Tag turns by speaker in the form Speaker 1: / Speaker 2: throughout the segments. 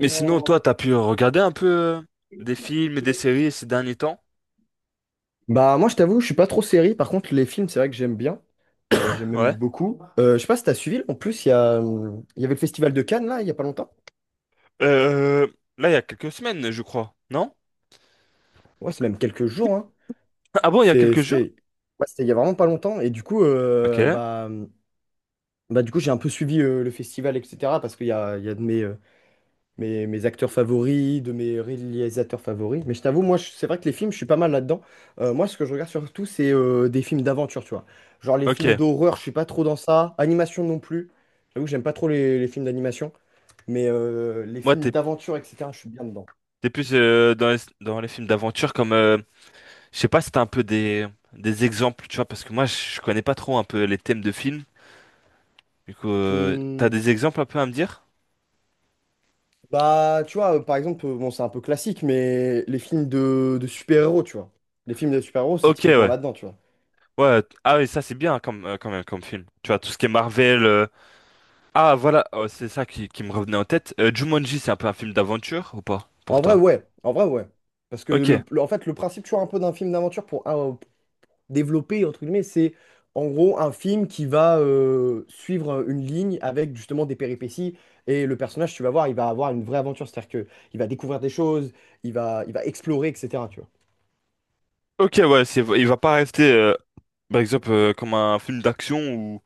Speaker 1: Mais sinon, toi, t'as pu regarder un peu des films et des séries ces derniers temps?
Speaker 2: Bah moi je t'avoue, je suis pas trop série. Par contre, les films, c'est vrai que j'aime bien. J'aime même
Speaker 1: Ouais.
Speaker 2: beaucoup. Je sais pas si t'as suivi. En plus, il y avait le festival de Cannes là, il y a pas longtemps.
Speaker 1: Euh, Là, il y a quelques semaines, je crois. Non?
Speaker 2: Ouais, c'est même quelques jours, hein.
Speaker 1: Ah bon, il y a quelques jours?
Speaker 2: C'était, ouais, c'était il y a vraiment pas longtemps. Et du coup,
Speaker 1: Ok.
Speaker 2: j'ai un peu suivi le festival, etc. Parce qu'il y a de mes acteurs favoris, de mes réalisateurs favoris. Mais je t'avoue, moi, c'est vrai que les films, je suis pas mal là-dedans. Moi, ce que je regarde surtout, c'est des films d'aventure, tu vois. Genre les
Speaker 1: Ok.
Speaker 2: films d'horreur, je suis pas trop dans ça. Animation non plus. J'avoue que j'aime pas trop les films d'animation. Mais les
Speaker 1: Moi,
Speaker 2: films
Speaker 1: t'es
Speaker 2: d'aventure, etc., je suis bien dedans.
Speaker 1: t'es plus dans dans les films d'aventure. Je sais pas si t'as un peu des exemples, tu vois, parce que moi, je connais pas trop un peu les thèmes de films. Du coup, t'as
Speaker 2: Hmm,
Speaker 1: des exemples un peu à me dire?
Speaker 2: bah, tu vois, par exemple, bon, c'est un peu classique, mais les films de super-héros, tu vois. Les films de super-héros, c'est
Speaker 1: Ok,
Speaker 2: typiquement
Speaker 1: ouais.
Speaker 2: là-dedans, tu vois.
Speaker 1: Ouais. Ah oui, ça, c'est bien comme, quand même comme film. Tu vois, tout ce qui est Marvel. Ah voilà, oh, c'est ça qui me revenait en tête. Jumanji, c'est un peu un film d'aventure ou pas pour
Speaker 2: En vrai,
Speaker 1: toi?
Speaker 2: ouais. En vrai, ouais. Parce que,
Speaker 1: Ok,
Speaker 2: en fait, le principe, tu vois, un peu d'un film d'aventure, pour, développé, entre guillemets, c'est en gros un film qui va suivre une ligne avec justement des péripéties. Et le personnage, tu vas voir, il va avoir une vraie aventure. C'est-à-dire que il va découvrir des choses, il va explorer, etc. Tu vois.
Speaker 1: ok, ouais, il va pas rester, par exemple, comme un film d'action où,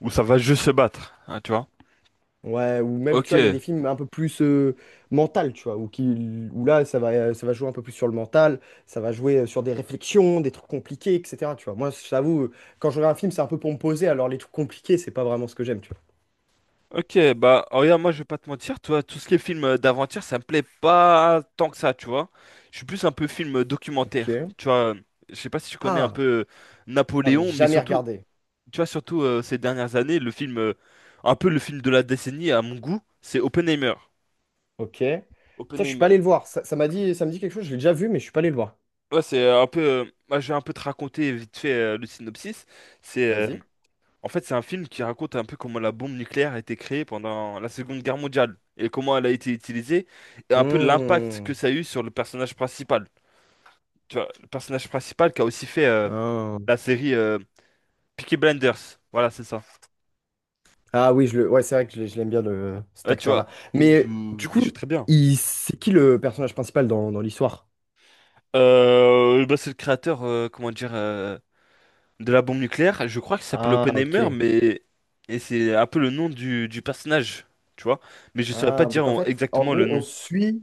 Speaker 1: où ça va juste se battre, hein, tu vois?
Speaker 2: Ouais, ou même, tu vois, il y a
Speaker 1: Ok,
Speaker 2: des films un peu plus mental, tu vois, où là, ça va jouer un peu plus sur le mental, ça va jouer sur des réflexions, des trucs compliqués, etc. Tu vois. Moi, je t'avoue, quand je regarde un film, c'est un peu pour me poser, alors les trucs compliqués, c'est pas vraiment ce que j'aime, tu vois.
Speaker 1: ok, bah oh, regarde, moi je vais pas te mentir, toi, tout ce qui est film d'aventure, ça me plaît pas tant que ça, tu vois? Je suis plus un peu film documentaire,
Speaker 2: Ok.
Speaker 1: tu vois? Je sais pas si tu connais un
Speaker 2: Ah,
Speaker 1: peu
Speaker 2: j'en ai
Speaker 1: Napoléon, mais
Speaker 2: jamais
Speaker 1: surtout,
Speaker 2: regardé.
Speaker 1: tu vois, surtout ces dernières années, le film, un peu le film de la décennie à mon goût, c'est Oppenheimer.
Speaker 2: Ok. Putain, je suis pas
Speaker 1: Oppenheimer.
Speaker 2: allé le voir. Ça, ça me dit quelque chose. Je l'ai déjà vu, mais je suis pas allé le voir.
Speaker 1: Ouais, c'est un peu, moi, je vais un peu te raconter vite fait le synopsis. C'est, euh,
Speaker 2: Vas-y.
Speaker 1: En fait, c'est un film qui raconte un peu comment la bombe nucléaire a été créée pendant la Seconde Guerre mondiale et comment elle a été utilisée, et un peu l'impact que
Speaker 2: Hmm.
Speaker 1: ça a eu sur le personnage principal. Tu vois, le personnage principal qui a aussi fait
Speaker 2: Ah,
Speaker 1: la série Peaky Blinders. Voilà, c'est ça.
Speaker 2: ouais, c'est vrai que je l'aime bien le... cet
Speaker 1: Ouais, tu
Speaker 2: acteur-là.
Speaker 1: vois, il
Speaker 2: Mais
Speaker 1: joue,
Speaker 2: du
Speaker 1: il joue
Speaker 2: coup,
Speaker 1: très bien.
Speaker 2: c'est qui le personnage principal dans l'histoire?
Speaker 1: Bah, c'est le créateur, comment dire, de la bombe nucléaire. Je crois qu'il s'appelle
Speaker 2: Ah,
Speaker 1: Oppenheimer,
Speaker 2: ok.
Speaker 1: mais et c'est un peu le nom du personnage, tu vois. Mais je saurais pas
Speaker 2: Ah,
Speaker 1: dire
Speaker 2: donc en fait, en
Speaker 1: exactement le
Speaker 2: gros, on
Speaker 1: nom.
Speaker 2: suit,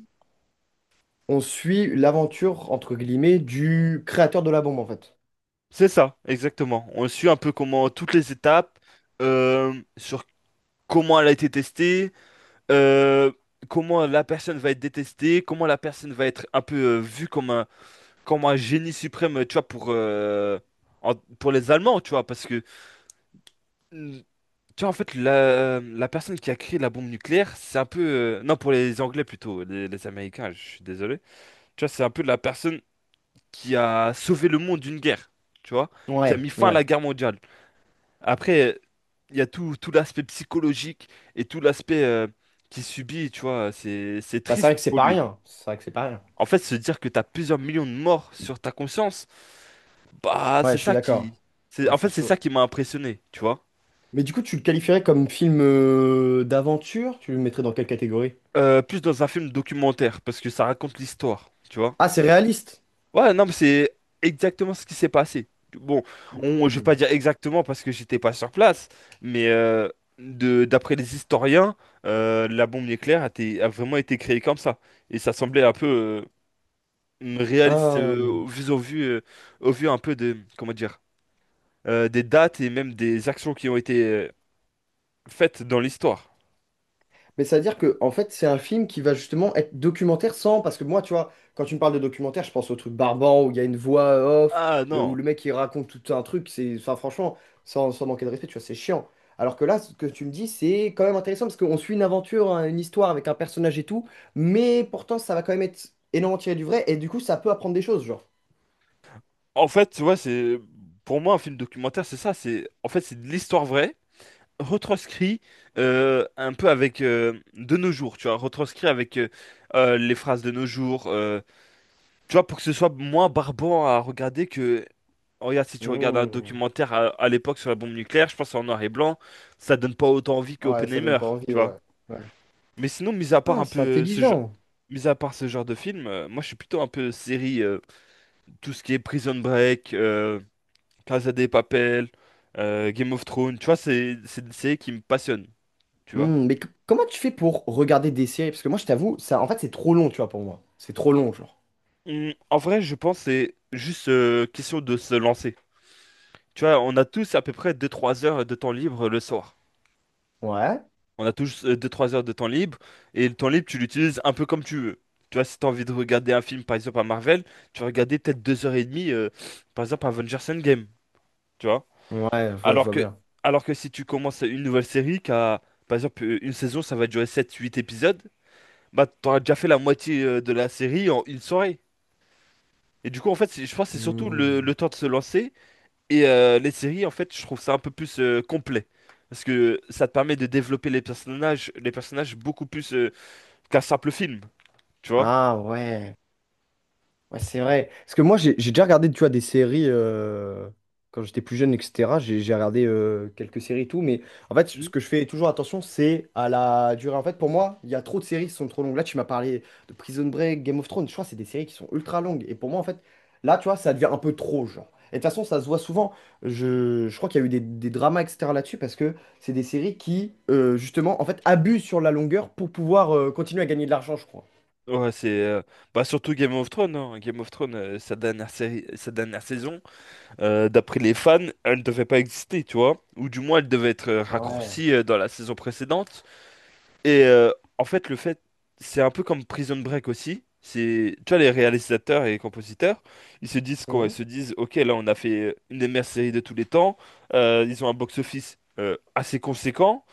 Speaker 2: on suit l'aventure, entre guillemets, du créateur de la bombe, en fait.
Speaker 1: C'est ça, exactement. On suit un peu comment toutes les étapes, sur comment elle a été testée, euh, comment la personne va être détestée, comment la personne va être un peu vue comme un, génie suprême, tu vois, pour, pour les Allemands, tu vois, parce que tu vois, en fait, la personne qui a créé la bombe nucléaire, c'est un peu. Non, pour les Anglais plutôt, les Américains, je suis désolé. Tu vois, c'est un peu la personne qui a sauvé le monde d'une guerre, tu vois, qui a mis
Speaker 2: Ouais,
Speaker 1: fin à
Speaker 2: ouais.
Speaker 1: la guerre mondiale. Après, il y a tout tout l'aspect psychologique et tout l'aspect qu'il subit, tu vois, c'est
Speaker 2: Bah, c'est vrai
Speaker 1: triste
Speaker 2: que c'est
Speaker 1: pour
Speaker 2: pas
Speaker 1: lui.
Speaker 2: rien. C'est vrai que c'est pas rien.
Speaker 1: En fait, se dire que t'as plusieurs millions de morts sur ta conscience, bah,
Speaker 2: Ouais,
Speaker 1: c'est
Speaker 2: je suis
Speaker 1: ça qui...
Speaker 2: d'accord.
Speaker 1: c'est-
Speaker 2: Ouais,
Speaker 1: En fait,
Speaker 2: c'est
Speaker 1: c'est ça
Speaker 2: chaud.
Speaker 1: qui m'a impressionné, tu vois.
Speaker 2: Mais du coup, tu le qualifierais comme film d'aventure? Tu le mettrais dans quelle catégorie?
Speaker 1: Plus dans un film documentaire, parce que ça raconte l'histoire, tu vois.
Speaker 2: Ah, c'est réaliste.
Speaker 1: Ouais, non, mais c'est exactement ce qui s'est passé. Bon, je vais pas dire exactement parce que j'étais pas sur place, mais d'après les historiens, la bombe nucléaire a vraiment été créée comme ça. Et ça semblait un peu réaliste
Speaker 2: Ah.
Speaker 1: au vu un peu comment dire, des dates et même des actions qui ont été faites dans l'histoire.
Speaker 2: Mais ça veut dire que, en fait, c'est un film qui va justement être documentaire sans. Parce que moi, tu vois, quand tu me parles de documentaire, je pense au truc Barbant où il y a une voix off,
Speaker 1: Ah
Speaker 2: où
Speaker 1: non.
Speaker 2: le mec il raconte tout un truc. C'est, enfin, franchement, sans manquer de respect, tu vois, c'est chiant. Alors que là, ce que tu me dis, c'est quand même intéressant parce qu'on suit une aventure, hein, une histoire avec un personnage et tout. Mais pourtant, ça va quand même être énormément tiré du vrai. Et du coup, ça peut apprendre des choses, genre.
Speaker 1: En fait, tu vois, c'est, pour moi, un film documentaire, c'est ça. C'est de l'histoire vraie, retranscrit un peu avec, de nos jours, tu vois, retranscrit avec les phrases de nos jours, tu vois, pour que ce soit moins barbant à regarder que. Oh, regarde, si tu regardes un
Speaker 2: Hmm.
Speaker 1: documentaire à l'époque sur la bombe nucléaire, je pense en noir et blanc, ça donne pas autant envie que
Speaker 2: Ouais, ça donne
Speaker 1: Oppenheimer,
Speaker 2: pas
Speaker 1: tu
Speaker 2: envie,
Speaker 1: vois.
Speaker 2: ouais. Ouais.
Speaker 1: Mais sinon,
Speaker 2: Ah, c'est intelligent.
Speaker 1: mis à part ce genre de film, moi je suis plutôt un peu série, tout ce qui est Prison Break, Casa de Papel, Game of Thrones, tu vois, c'est des séries qui me passionnent, tu vois.
Speaker 2: Hmm, comment tu fais pour regarder des séries? Parce que moi, je t'avoue, ça, en fait, c'est trop long, tu vois, pour moi. C'est trop long, genre.
Speaker 1: Hmm, en vrai, je pense que c'est juste question de se lancer. Tu vois, on a tous à peu près deux-trois heures de temps libre le soir.
Speaker 2: Ouais.
Speaker 1: On a tous deux-trois heures de temps libre et le temps libre, tu l'utilises un peu comme tu veux. Tu vois, si tu as envie de regarder un film, par exemple à Marvel, tu vas regarder peut-être 2h30, par exemple Avengers Endgame. Tu vois?
Speaker 2: Ouais, je vois, je
Speaker 1: Alors
Speaker 2: vois
Speaker 1: que,
Speaker 2: bien.
Speaker 1: alors que si tu commences une nouvelle série, qui a, par exemple une saison, ça va durer sept-huit épisodes, bah t'auras déjà fait la moitié de la série en une soirée. Et du coup, en fait, je pense que c'est surtout le
Speaker 2: Hmm.
Speaker 1: temps de se lancer. Et les séries, en fait, je trouve ça un peu plus complet. Parce que ça te permet de développer les personnages beaucoup plus qu'un simple film, tu vois?
Speaker 2: Ah ouais. Ouais, c'est vrai. Parce que moi, j'ai déjà regardé, tu vois, des séries quand j'étais plus jeune, etc. J'ai regardé quelques séries et tout. Mais en fait,
Speaker 1: Hmm.
Speaker 2: ce que je fais toujours attention, c'est à la durée. En fait, pour moi, il y a trop de séries qui sont trop longues. Là, tu m'as parlé de Prison Break, Game of Thrones. Je crois que c'est des séries qui sont ultra longues. Et pour moi, en fait, là, tu vois, ça devient un peu trop, genre. Et de toute façon, ça se voit souvent. Je crois qu'il y a eu des dramas, etc. là-dessus, parce que c'est des séries qui, justement, en fait, abusent sur la longueur pour pouvoir continuer à gagner de l'argent, je crois.
Speaker 1: Ouais, c'est bah surtout Game of Thrones, hein. Game of Thrones, sa dernière série, sa dernière saison, d'après les fans, elle ne devait pas exister, tu vois? Ou du moins, elle devait être
Speaker 2: Ouais.
Speaker 1: raccourcie dans la saison précédente. Et en fait, le fait, c'est un peu comme Prison Break aussi. C'est, tu vois, les réalisateurs et les compositeurs, ils se disent quoi? Ils
Speaker 2: Mmh.
Speaker 1: se disent, ok, là, on a fait une des meilleures séries de tous les temps. Ils ont un box-office assez conséquent.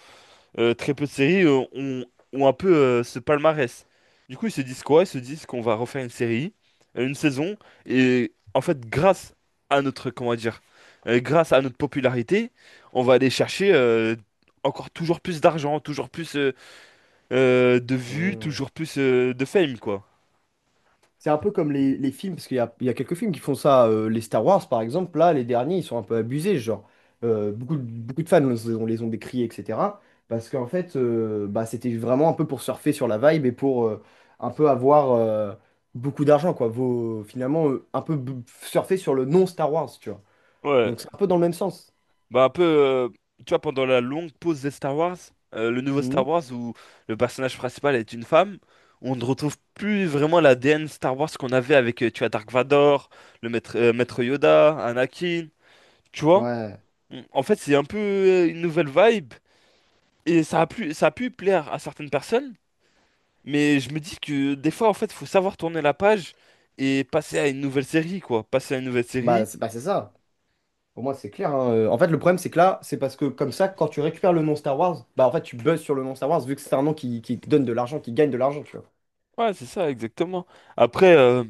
Speaker 1: Très peu de séries ont un peu ce palmarès. Du coup, ils se disent quoi? Ils se disent qu'on va refaire une série, une saison, et en fait, comment dire, grâce à notre popularité, on va aller chercher encore toujours plus d'argent, toujours plus, de vues,
Speaker 2: Mmh.
Speaker 1: toujours plus de fame, quoi.
Speaker 2: C'est un peu comme les films, parce qu'il y a quelques films qui font ça. Les Star Wars, par exemple, là, les derniers, ils sont un peu abusés. Genre, beaucoup, beaucoup de fans, on les ont décriés, etc. Parce qu'en fait, bah, c'était vraiment un peu pour surfer sur la vibe et pour un peu avoir beaucoup d'argent, quoi. Vaut, finalement, un peu surfer sur le non-Star Wars, tu vois.
Speaker 1: Ouais,
Speaker 2: Donc, c'est un peu dans le même sens.
Speaker 1: bah un peu, tu vois, pendant la longue pause des Star Wars, le nouveau Star
Speaker 2: Mhm.
Speaker 1: Wars où le personnage principal est une femme, on ne retrouve plus vraiment la l'ADN Star Wars qu'on avait avec, tu vois, Dark Vador, le maître, Maître Yoda, Anakin, tu vois?
Speaker 2: Ouais.
Speaker 1: En fait, c'est un peu une nouvelle vibe et ça a pu plaire à certaines personnes, mais je me dis que des fois, en fait, faut savoir tourner la page et passer à une nouvelle série, quoi. Passer à une nouvelle
Speaker 2: Bah,
Speaker 1: série.
Speaker 2: c'est bah, c'est ça. Pour moi, c'est clair, hein. En fait, le problème, c'est que là, c'est parce que comme ça, quand tu récupères le nom Star Wars, bah en fait, tu buzzes sur le nom Star Wars vu que c'est un nom qui te donne de l'argent, qui gagne de l'argent, tu vois.
Speaker 1: Ouais, c'est ça, exactement. Après,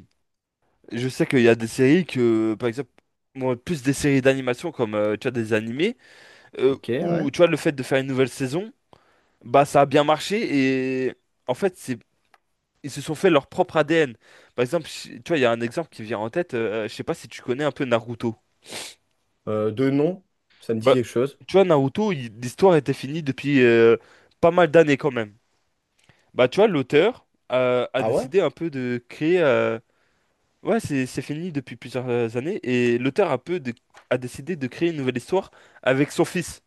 Speaker 1: je sais qu'il y a des séries que, par exemple, moi, plus des séries d'animation comme, tu vois, des animés,
Speaker 2: Ok, ouais.
Speaker 1: où, tu vois, le fait de faire une nouvelle saison, bah, ça a bien marché et, en fait, c'est, ils se sont fait leur propre ADN. Par exemple, je- tu vois, il y a un exemple qui vient en tête, je sais pas si tu connais un peu Naruto.
Speaker 2: Deux noms, ça me dit
Speaker 1: Bah,
Speaker 2: quelque chose.
Speaker 1: tu vois, Naruto, il- l'histoire était finie depuis, pas mal d'années quand même. Bah, tu vois, l'auteur, a
Speaker 2: Ah ouais?
Speaker 1: décidé un peu de créer, Ouais, c'est fini depuis plusieurs années et l'auteur a peu de- a décidé de créer une nouvelle histoire avec son fils.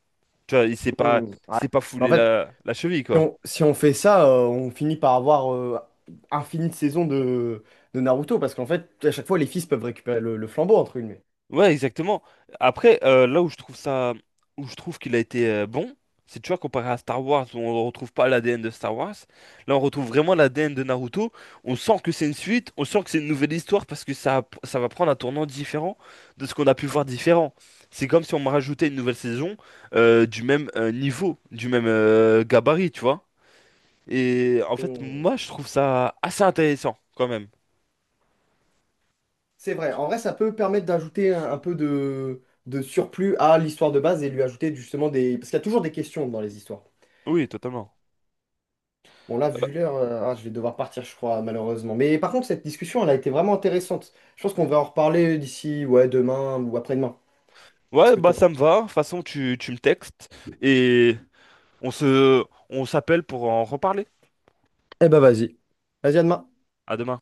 Speaker 1: Tu vois,
Speaker 2: Hmm,
Speaker 1: il
Speaker 2: ouais.
Speaker 1: s'est pas
Speaker 2: Mais en
Speaker 1: foulé
Speaker 2: fait,
Speaker 1: la, la cheville,
Speaker 2: si
Speaker 1: quoi.
Speaker 2: on, si on fait ça, on finit par avoir infini de saisons de Naruto parce qu'en fait, à chaque fois, les fils peuvent récupérer le flambeau, entre guillemets.
Speaker 1: Ouais, exactement. Après, là où je trouve ça, où je trouve qu'il a été bon, c'est, tu vois, comparé à Star Wars, où on ne retrouve pas l'ADN de Star Wars, là on retrouve vraiment l'ADN de Naruto. On sent que c'est une suite, on sent que c'est une nouvelle histoire parce que ça va prendre un tournant différent de ce qu'on a pu voir différent. C'est comme si on me rajoutait une nouvelle saison du même niveau, du même gabarit, tu vois. Et en fait,
Speaker 2: Hmm.
Speaker 1: moi, je trouve ça assez intéressant quand même.
Speaker 2: C'est vrai. En vrai, ça peut permettre d'ajouter un peu de surplus à l'histoire de base et lui ajouter justement des... Parce qu'il y a toujours des questions dans les histoires.
Speaker 1: Oui, totalement.
Speaker 2: Bon, là, vu l'heure, je vais devoir partir, je crois, malheureusement. Mais par contre, cette discussion, elle a été vraiment intéressante. Je pense qu'on va en reparler d'ici, ouais, demain ou après-demain. Est-ce
Speaker 1: Ouais,
Speaker 2: que
Speaker 1: bah
Speaker 2: t'en
Speaker 1: ça
Speaker 2: penses?
Speaker 1: me va. De toute façon, tu me textes et on se, on s'appelle pour en reparler.
Speaker 2: Eh ben vas-y. Vas-y, à demain.
Speaker 1: À demain.